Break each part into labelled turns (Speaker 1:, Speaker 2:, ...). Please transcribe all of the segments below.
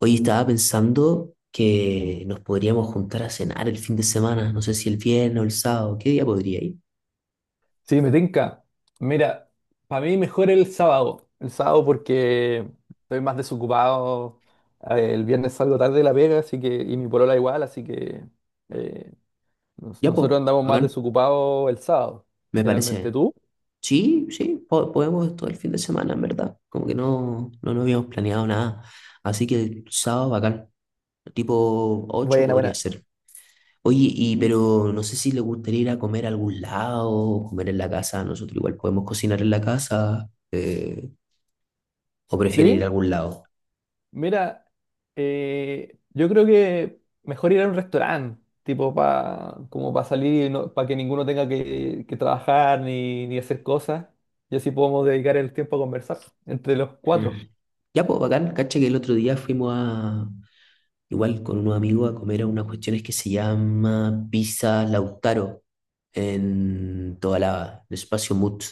Speaker 1: Hoy estaba pensando que nos podríamos juntar a cenar el fin de semana, no sé si el viernes o el sábado, ¿qué día podría ir?
Speaker 2: Sí, me tinca. Mira, para mí mejor el sábado. El sábado porque estoy más desocupado. A ver, el viernes salgo tarde de la pega, así que, y mi polola igual, así que eh,
Speaker 1: Ya,
Speaker 2: nosotros
Speaker 1: pues,
Speaker 2: andamos más
Speaker 1: bacán,
Speaker 2: desocupados el sábado,
Speaker 1: me
Speaker 2: generalmente
Speaker 1: parece.
Speaker 2: tú.
Speaker 1: Sí, sí, podemos todo el fin de semana, en verdad. Como que no habíamos planeado nada. Así que el sábado, bacán, tipo ocho
Speaker 2: Buena,
Speaker 1: podría
Speaker 2: buena.
Speaker 1: ser. Oye, y
Speaker 2: Y,
Speaker 1: pero no sé si le gustaría ir a comer a algún lado, o comer en la casa, nosotros igual podemos cocinar en la casa, o prefieren ir a
Speaker 2: ¿sí?
Speaker 1: algún lado.
Speaker 2: Mira, yo creo que mejor ir a un restaurante, tipo pa, como para salir y no, para que ninguno tenga que trabajar ni hacer cosas. Y así podemos dedicar el tiempo a conversar entre los cuatro.
Speaker 1: Mm. Ya, pues, bacán, cacha que el otro día fuimos a, igual con unos amigos a comer a unas cuestiones que se llama Pizza Lautaro en toda la, el espacio Mut,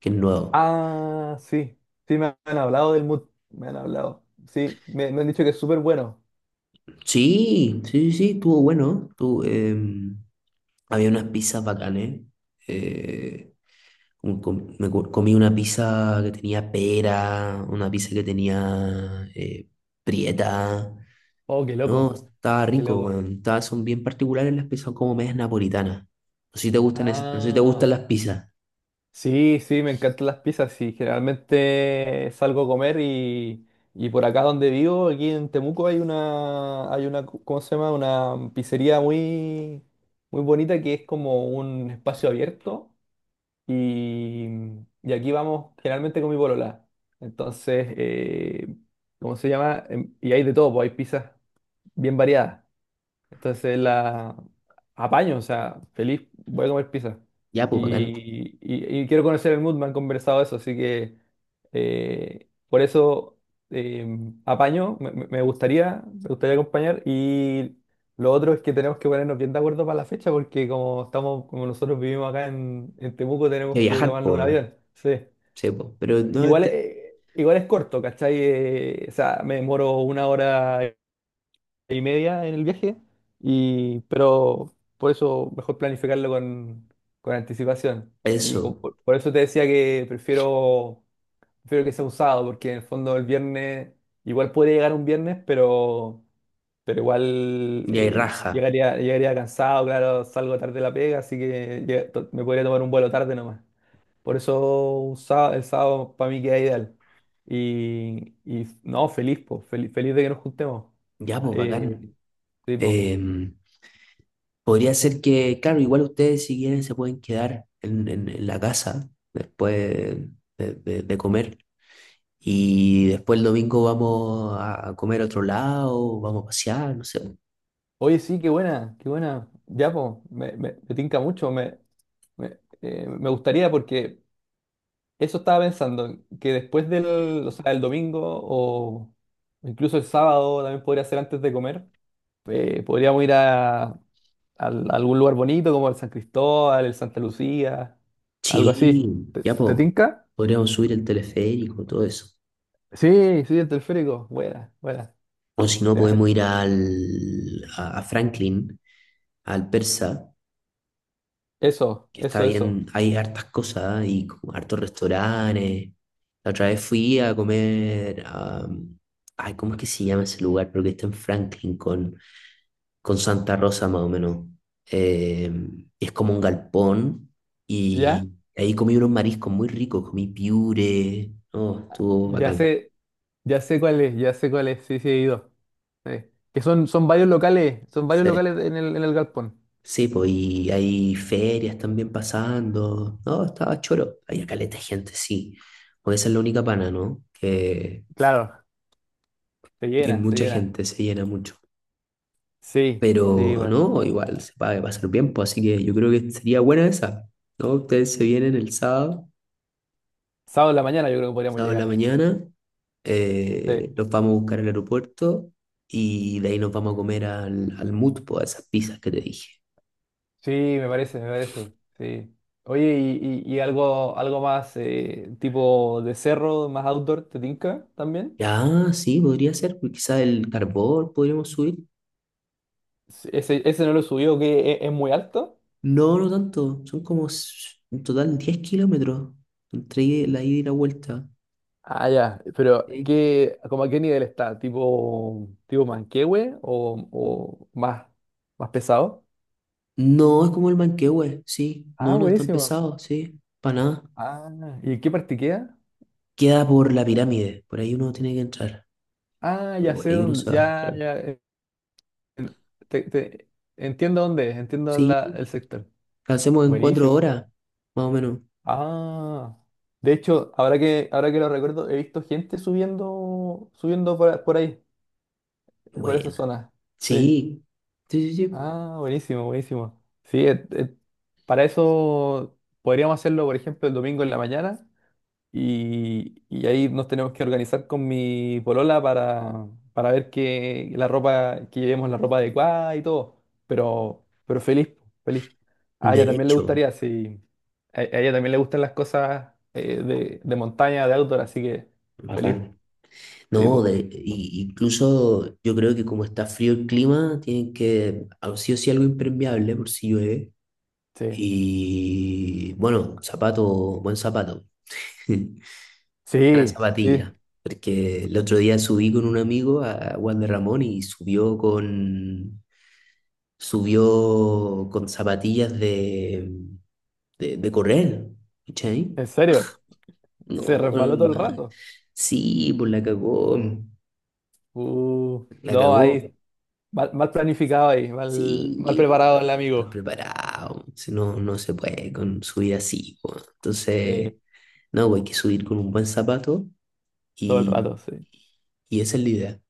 Speaker 1: que es nuevo.
Speaker 2: Ah, sí, sí, me han hablado del mood, me han hablado. Sí, me han dicho que es súper bueno.
Speaker 1: Sí, sí, sí, sí, estuvo bueno. Estuvo, había unas pizzas bacanes. eh, Comí una pizza que tenía pera, una pizza que tenía prieta.
Speaker 2: Oh, qué
Speaker 1: No,
Speaker 2: loco,
Speaker 1: estaba
Speaker 2: qué
Speaker 1: rico,
Speaker 2: loco.
Speaker 1: weón. Estaba- son bien particulares, las pizzas son como medias napolitanas. No sé si te gustan, no sé si te
Speaker 2: Ah,
Speaker 1: gustan las pizzas.
Speaker 2: sí, sí, me encantan las pizzas. Sí, generalmente salgo a comer y por acá donde vivo, aquí en Temuco, hay una, ¿cómo se llama? Una pizzería muy, muy bonita que es como un espacio abierto y, y aquí vamos generalmente con mi polola. Entonces, ¿cómo se llama? Y hay de todo, pues hay pizzas bien variadas. Entonces la apaño, o sea, feliz, voy a comer pizza.
Speaker 1: Ya, pues bacán.
Speaker 2: Y, y quiero conocer el mood, me han conversado eso, así que por eso eh, apaño, me gustaría acompañar. Y lo otro es que tenemos que ponernos bien de acuerdo para la fecha, porque como estamos, como nosotros vivimos acá en Temuco,
Speaker 1: Hay que
Speaker 2: tenemos que
Speaker 1: viajar,
Speaker 2: tomarnos
Speaker 1: pues,
Speaker 2: un
Speaker 1: weón.
Speaker 2: avión. Sí.
Speaker 1: Sí, pues. Pero
Speaker 2: Que
Speaker 1: no
Speaker 2: igual
Speaker 1: este
Speaker 2: es, igual es corto, ¿cachai? O sea, me demoro una hora y media en el viaje, y, pero por eso mejor planificarlo con anticipación.
Speaker 1: eso.
Speaker 2: Por eso te decía que prefiero que sea un sábado, porque en el fondo el viernes, igual puede llegar un viernes, pero igual
Speaker 1: Y hay raja.
Speaker 2: llegaría cansado, claro, salgo tarde de la pega, así que me podría tomar un vuelo tarde nomás. Por eso un sá- el sábado para mí queda ideal. Y no, feliz, po, feliz de que nos juntemos.
Speaker 1: Ya, pues
Speaker 2: Eh,
Speaker 1: bacán.
Speaker 2: Sí, po.
Speaker 1: Em, Podría ser que, claro, igual ustedes si quieren se pueden quedar en la casa de comer. Y después el domingo vamos a comer a otro lado, vamos a pasear, no sé.
Speaker 2: Oye, sí, qué buena, qué buena. Ya, po, me tinca mucho. Me gustaría porque eso estaba pensando, que después o sea, el domingo o incluso el sábado también podría ser antes de comer. Podríamos ir a, al algún lugar bonito como el San Cristóbal, el Santa Lucía, algo así.
Speaker 1: Sí,
Speaker 2: ¿Te,
Speaker 1: ya
Speaker 2: te
Speaker 1: po,
Speaker 2: tinca?
Speaker 1: podríamos subir el teleférico, todo eso.
Speaker 2: Sí, sí, el teleférico. Buena, buena.
Speaker 1: O si no,
Speaker 2: Ya sé.
Speaker 1: podemos ir a Franklin, al Persa,
Speaker 2: Eso,
Speaker 1: que está
Speaker 2: eso, eso.
Speaker 1: bien, hay hartas cosas, ¿eh? Y como hartos restaurantes. La otra vez fui a comer, a, ay, ¿cómo es que se llama ese lugar? Pero que está en Franklin con Santa Rosa, más o menos. Eh, es como un galpón
Speaker 2: ¿Ya?
Speaker 1: y ahí comí unos mariscos muy ricos, comí piure, no, estuvo
Speaker 2: Ya
Speaker 1: bacán.
Speaker 2: sé. Ya sé cuál es, ya sé cuál es, sí, sí he ido. Que son, son varios
Speaker 1: Sí.
Speaker 2: locales en el galpón.
Speaker 1: Sí, pues, y hay ferias también pasando. No, estaba choro. Había caleta de gente, sí. Pues esa es la única pana, ¿no?
Speaker 2: Claro, se
Speaker 1: Que
Speaker 2: llena, se
Speaker 1: mucha
Speaker 2: llena.
Speaker 1: gente, se llena mucho.
Speaker 2: Sí,
Speaker 1: Pero
Speaker 2: sí, bueno.
Speaker 1: no, igual se paga pasar bien, pues, así que yo creo que sería buena esa, ¿no? Ustedes se vienen el sábado,
Speaker 2: Sábado en la mañana yo creo que podríamos
Speaker 1: sábado en la
Speaker 2: llegar.
Speaker 1: mañana,
Speaker 2: Sí,
Speaker 1: los vamos a buscar al aeropuerto y de ahí nos vamos a comer al Mut, po, a esas pizzas que te dije.
Speaker 2: sí, me parece, sí. Oye, y, y algo, algo más tipo de cerro, más outdoor, ¿te tinca también?
Speaker 1: Ya, sí, podría ser, pues, quizá el carbón podríamos subir.
Speaker 2: Sí, ese no lo subió que es muy alto.
Speaker 1: No, no tanto. Son como en total 10 kilómetros entre la ida y la vuelta.
Speaker 2: Ah, ya, pero
Speaker 1: Sí.
Speaker 2: ¿qué, como a qué nivel está? ¿Tipo, tipo Manquehue o más, más pesado?
Speaker 1: No, es como el Manquehue, sí.
Speaker 2: Ah,
Speaker 1: No, no es tan
Speaker 2: buenísimo.
Speaker 1: pesado, sí. Para nada.
Speaker 2: Ah, ¿y en qué parte queda?
Speaker 1: Queda por la pirámide. Por ahí uno tiene que entrar.
Speaker 2: Ah,
Speaker 1: Y
Speaker 2: ya
Speaker 1: por
Speaker 2: sé
Speaker 1: ahí uno
Speaker 2: dónde,
Speaker 1: se va,
Speaker 2: ya,
Speaker 1: claro.
Speaker 2: ya, te- te- entiendo dónde es, entiendo
Speaker 1: Sí.
Speaker 2: el sector.
Speaker 1: Lo hacemos en cuatro
Speaker 2: Buenísimo.
Speaker 1: horas, más o menos.
Speaker 2: Ah, de hecho, ahora que lo recuerdo, he visto gente subiendo, subiendo por ahí, por esa
Speaker 1: Bueno.
Speaker 2: zona. Sí.
Speaker 1: Sí. Sí, sí, sí.
Speaker 2: Ah, buenísimo, buenísimo. Sí, para eso podríamos hacerlo, por ejemplo, el domingo en la mañana y ahí nos tenemos que organizar con mi polola para ver que la ropa, que llevemos la ropa adecuada y todo. Pero feliz, feliz. A ella
Speaker 1: De
Speaker 2: también le
Speaker 1: hecho.
Speaker 2: gustaría, sí. A ella también le gustan las cosas de montaña, de outdoor, así que feliz,
Speaker 1: Bacán. No,
Speaker 2: tipo.
Speaker 1: incluso yo creo que como está frío el clima, tienen que, ah, sí o sí, algo impermeable por si llueve.
Speaker 2: Sí.
Speaker 1: Y bueno, zapato, buen zapato, buena
Speaker 2: Sí, sí, sí,
Speaker 1: zapatilla. Porque el otro día subí con un amigo a Juan de Ramón y subió con zapatillas de correr. ¿Cachai?
Speaker 2: en serio. Se
Speaker 1: No,
Speaker 2: resbaló todo el
Speaker 1: man.
Speaker 2: rato.
Speaker 1: Sí, pues la cagó, la
Speaker 2: No,
Speaker 1: cagó.
Speaker 2: ahí, mal, mal planificado ahí, mal, mal
Speaker 1: Sí,
Speaker 2: preparado
Speaker 1: pues,
Speaker 2: el
Speaker 1: mal
Speaker 2: amigo,
Speaker 1: preparado. Si no, no se puede con subir así, pues. Entonces,
Speaker 2: eh,
Speaker 1: no, pues, hay que subir con un buen zapato.
Speaker 2: todo el
Speaker 1: Y,
Speaker 2: rato, sí.
Speaker 1: y esa es la idea.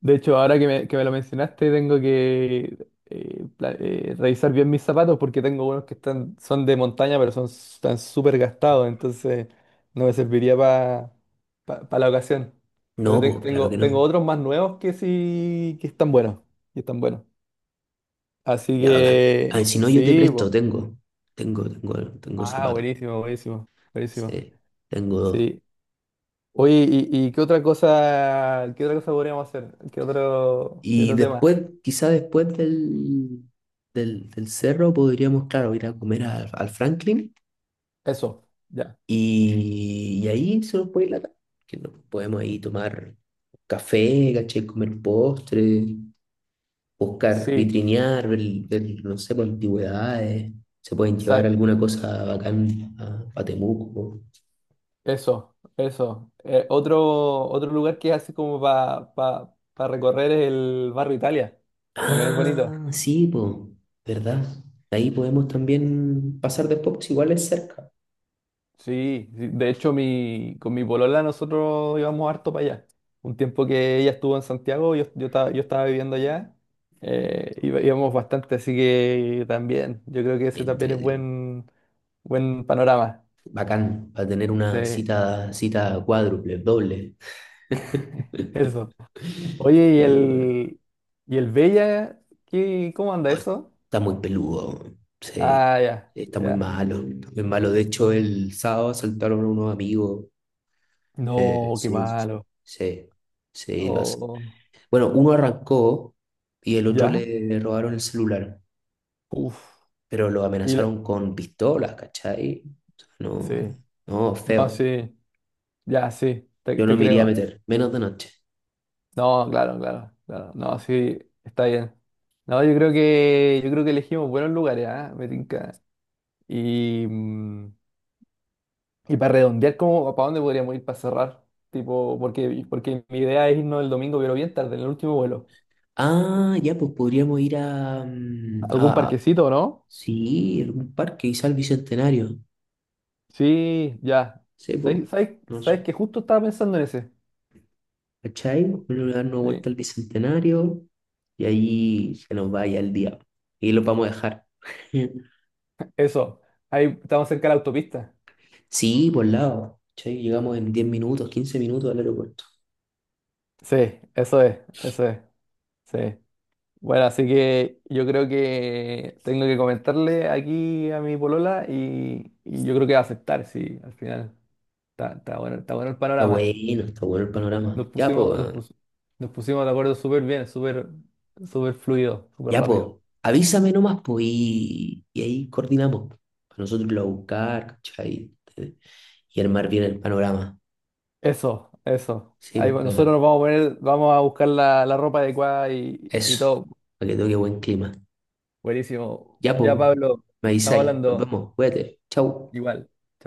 Speaker 2: De hecho, ahora que me lo mencionaste, tengo que revisar bien mis zapatos porque tengo unos que están, son de montaña, pero son, están súper gastados, entonces no me serviría para la ocasión.
Speaker 1: No, pues claro que
Speaker 2: Tengo, tengo
Speaker 1: no.
Speaker 2: otros más nuevos que sí, que están buenos, que están buenos. Así
Speaker 1: Ya bacán. A
Speaker 2: que,
Speaker 1: ver, si no, yo te
Speaker 2: sí,
Speaker 1: presto,
Speaker 2: po.
Speaker 1: tengo. Tengo
Speaker 2: Ah,
Speaker 1: zapatos.
Speaker 2: buenísimo, buenísimo, buenísimo.
Speaker 1: Sí, tengo dos.
Speaker 2: Sí, oye, y- qué otra cosa podríamos hacer. Qué
Speaker 1: Y
Speaker 2: otro tema?
Speaker 1: después, quizá después del cerro, podríamos, claro, ir a comer al Franklin
Speaker 2: Eso, ya.
Speaker 1: y ahí se nos puede ir la tarde, que nos podemos ahí tomar café, caché, comer postre, buscar,
Speaker 2: Sí,
Speaker 1: vitrinear, ver, no sé, pues, antigüedades. Se pueden llevar
Speaker 2: sa-
Speaker 1: alguna cosa bacán a Temuco.
Speaker 2: eso, eso. Otro, otro lugar que es así como para recorrer es el barrio Italia. También es bonito.
Speaker 1: Ah, sí, po, ¿verdad? Ahí podemos también pasar después, pues igual es cerca.
Speaker 2: Sí, sí, de hecho mi, con mi polola nosotros íbamos harto para allá. Un tiempo que ella estuvo en Santiago, yo estaba viviendo allá, íbamos bastante, así que también, yo creo que ese también
Speaker 1: Entre,
Speaker 2: es buen, buen panorama.
Speaker 1: bacán, para tener una
Speaker 2: Sí,
Speaker 1: cita, cita cuádruple, doble.
Speaker 2: eso. Oye,
Speaker 1: Ya, weón.
Speaker 2: y el Bella? ¿Qué, cómo anda
Speaker 1: Oh,
Speaker 2: eso?
Speaker 1: está muy peludo, weón, sí.
Speaker 2: Ah, ya,
Speaker 1: Está muy
Speaker 2: ya.
Speaker 1: malo, está muy malo. De hecho, el sábado asaltaron a unos amigos.
Speaker 2: No, qué
Speaker 1: Sí, sí, sí,
Speaker 2: malo.
Speaker 1: sí, sí,
Speaker 2: Oh,
Speaker 1: bueno, uno arrancó y el otro
Speaker 2: ya,
Speaker 1: le robaron el celular,
Speaker 2: uf.
Speaker 1: pero lo
Speaker 2: Y la-
Speaker 1: amenazaron con pistolas, ¿cachai? O sea, no,
Speaker 2: sí,
Speaker 1: no,
Speaker 2: no,
Speaker 1: feo.
Speaker 2: sí, ya, sí, te,
Speaker 1: Yo no
Speaker 2: te
Speaker 1: me iría a
Speaker 2: creo.
Speaker 1: meter, menos de noche.
Speaker 2: No, claro, claro, claro. No, sí, está bien. No, yo creo que elegimos buenos lugares, ¿ah? Me tinca. Y, mm, y para redondear, ¿cómo, para dónde podríamos ir para cerrar? Tipo, porque, porque mi idea es irnos el domingo, pero bien tarde, en el último vuelo.
Speaker 1: Ah, ya, pues podríamos ir a, mm,
Speaker 2: ¿Algún
Speaker 1: a
Speaker 2: parquecito, no?
Speaker 1: sí, algún parque, quizá al Bicentenario.
Speaker 2: Sí, ya.
Speaker 1: Sí, pues,
Speaker 2: ¿Sabes, sabes,
Speaker 1: no
Speaker 2: sabes
Speaker 1: sé.
Speaker 2: que justo estaba pensando en ese?
Speaker 1: ¿Cachai? Vamos a darnos
Speaker 2: Sí.
Speaker 1: vuelta al Bicentenario y ahí se nos vaya el día. Y lo vamos a dejar.
Speaker 2: Eso. Ahí estamos cerca de la autopista.
Speaker 1: Sí, por lado. ¿Cachai? Llegamos en 10 minutos, 15 minutos al aeropuerto.
Speaker 2: Sí, eso es, eso es. Sí. Bueno, así que yo creo que tengo que comentarle aquí a mi polola y yo creo que va a aceptar, sí, al final. Está, está bueno el panorama.
Speaker 1: Está bueno el panorama.
Speaker 2: Nos pusimos, nos pus- nos pusimos de acuerdo súper bien, súper, súper fluido, súper
Speaker 1: Ya, pues,
Speaker 2: rápido.
Speaker 1: avísame nomás, pues, y ahí coordinamos. Para nosotros irlo a buscar, ¿cachai? Eh, Y armar bien el panorama.
Speaker 2: Eso, eso.
Speaker 1: Sí, pues,
Speaker 2: Nosotros
Speaker 1: bacana.
Speaker 2: nos vamos a poner, vamos a buscar la, la ropa adecuada y
Speaker 1: Eso,
Speaker 2: todo.
Speaker 1: para que toque buen clima.
Speaker 2: Buenísimo.
Speaker 1: Ya, pues,
Speaker 2: Ya, Pablo,
Speaker 1: me
Speaker 2: estamos
Speaker 1: avisáis. Nos
Speaker 2: hablando
Speaker 1: vemos, cuídate. Chau.
Speaker 2: igual.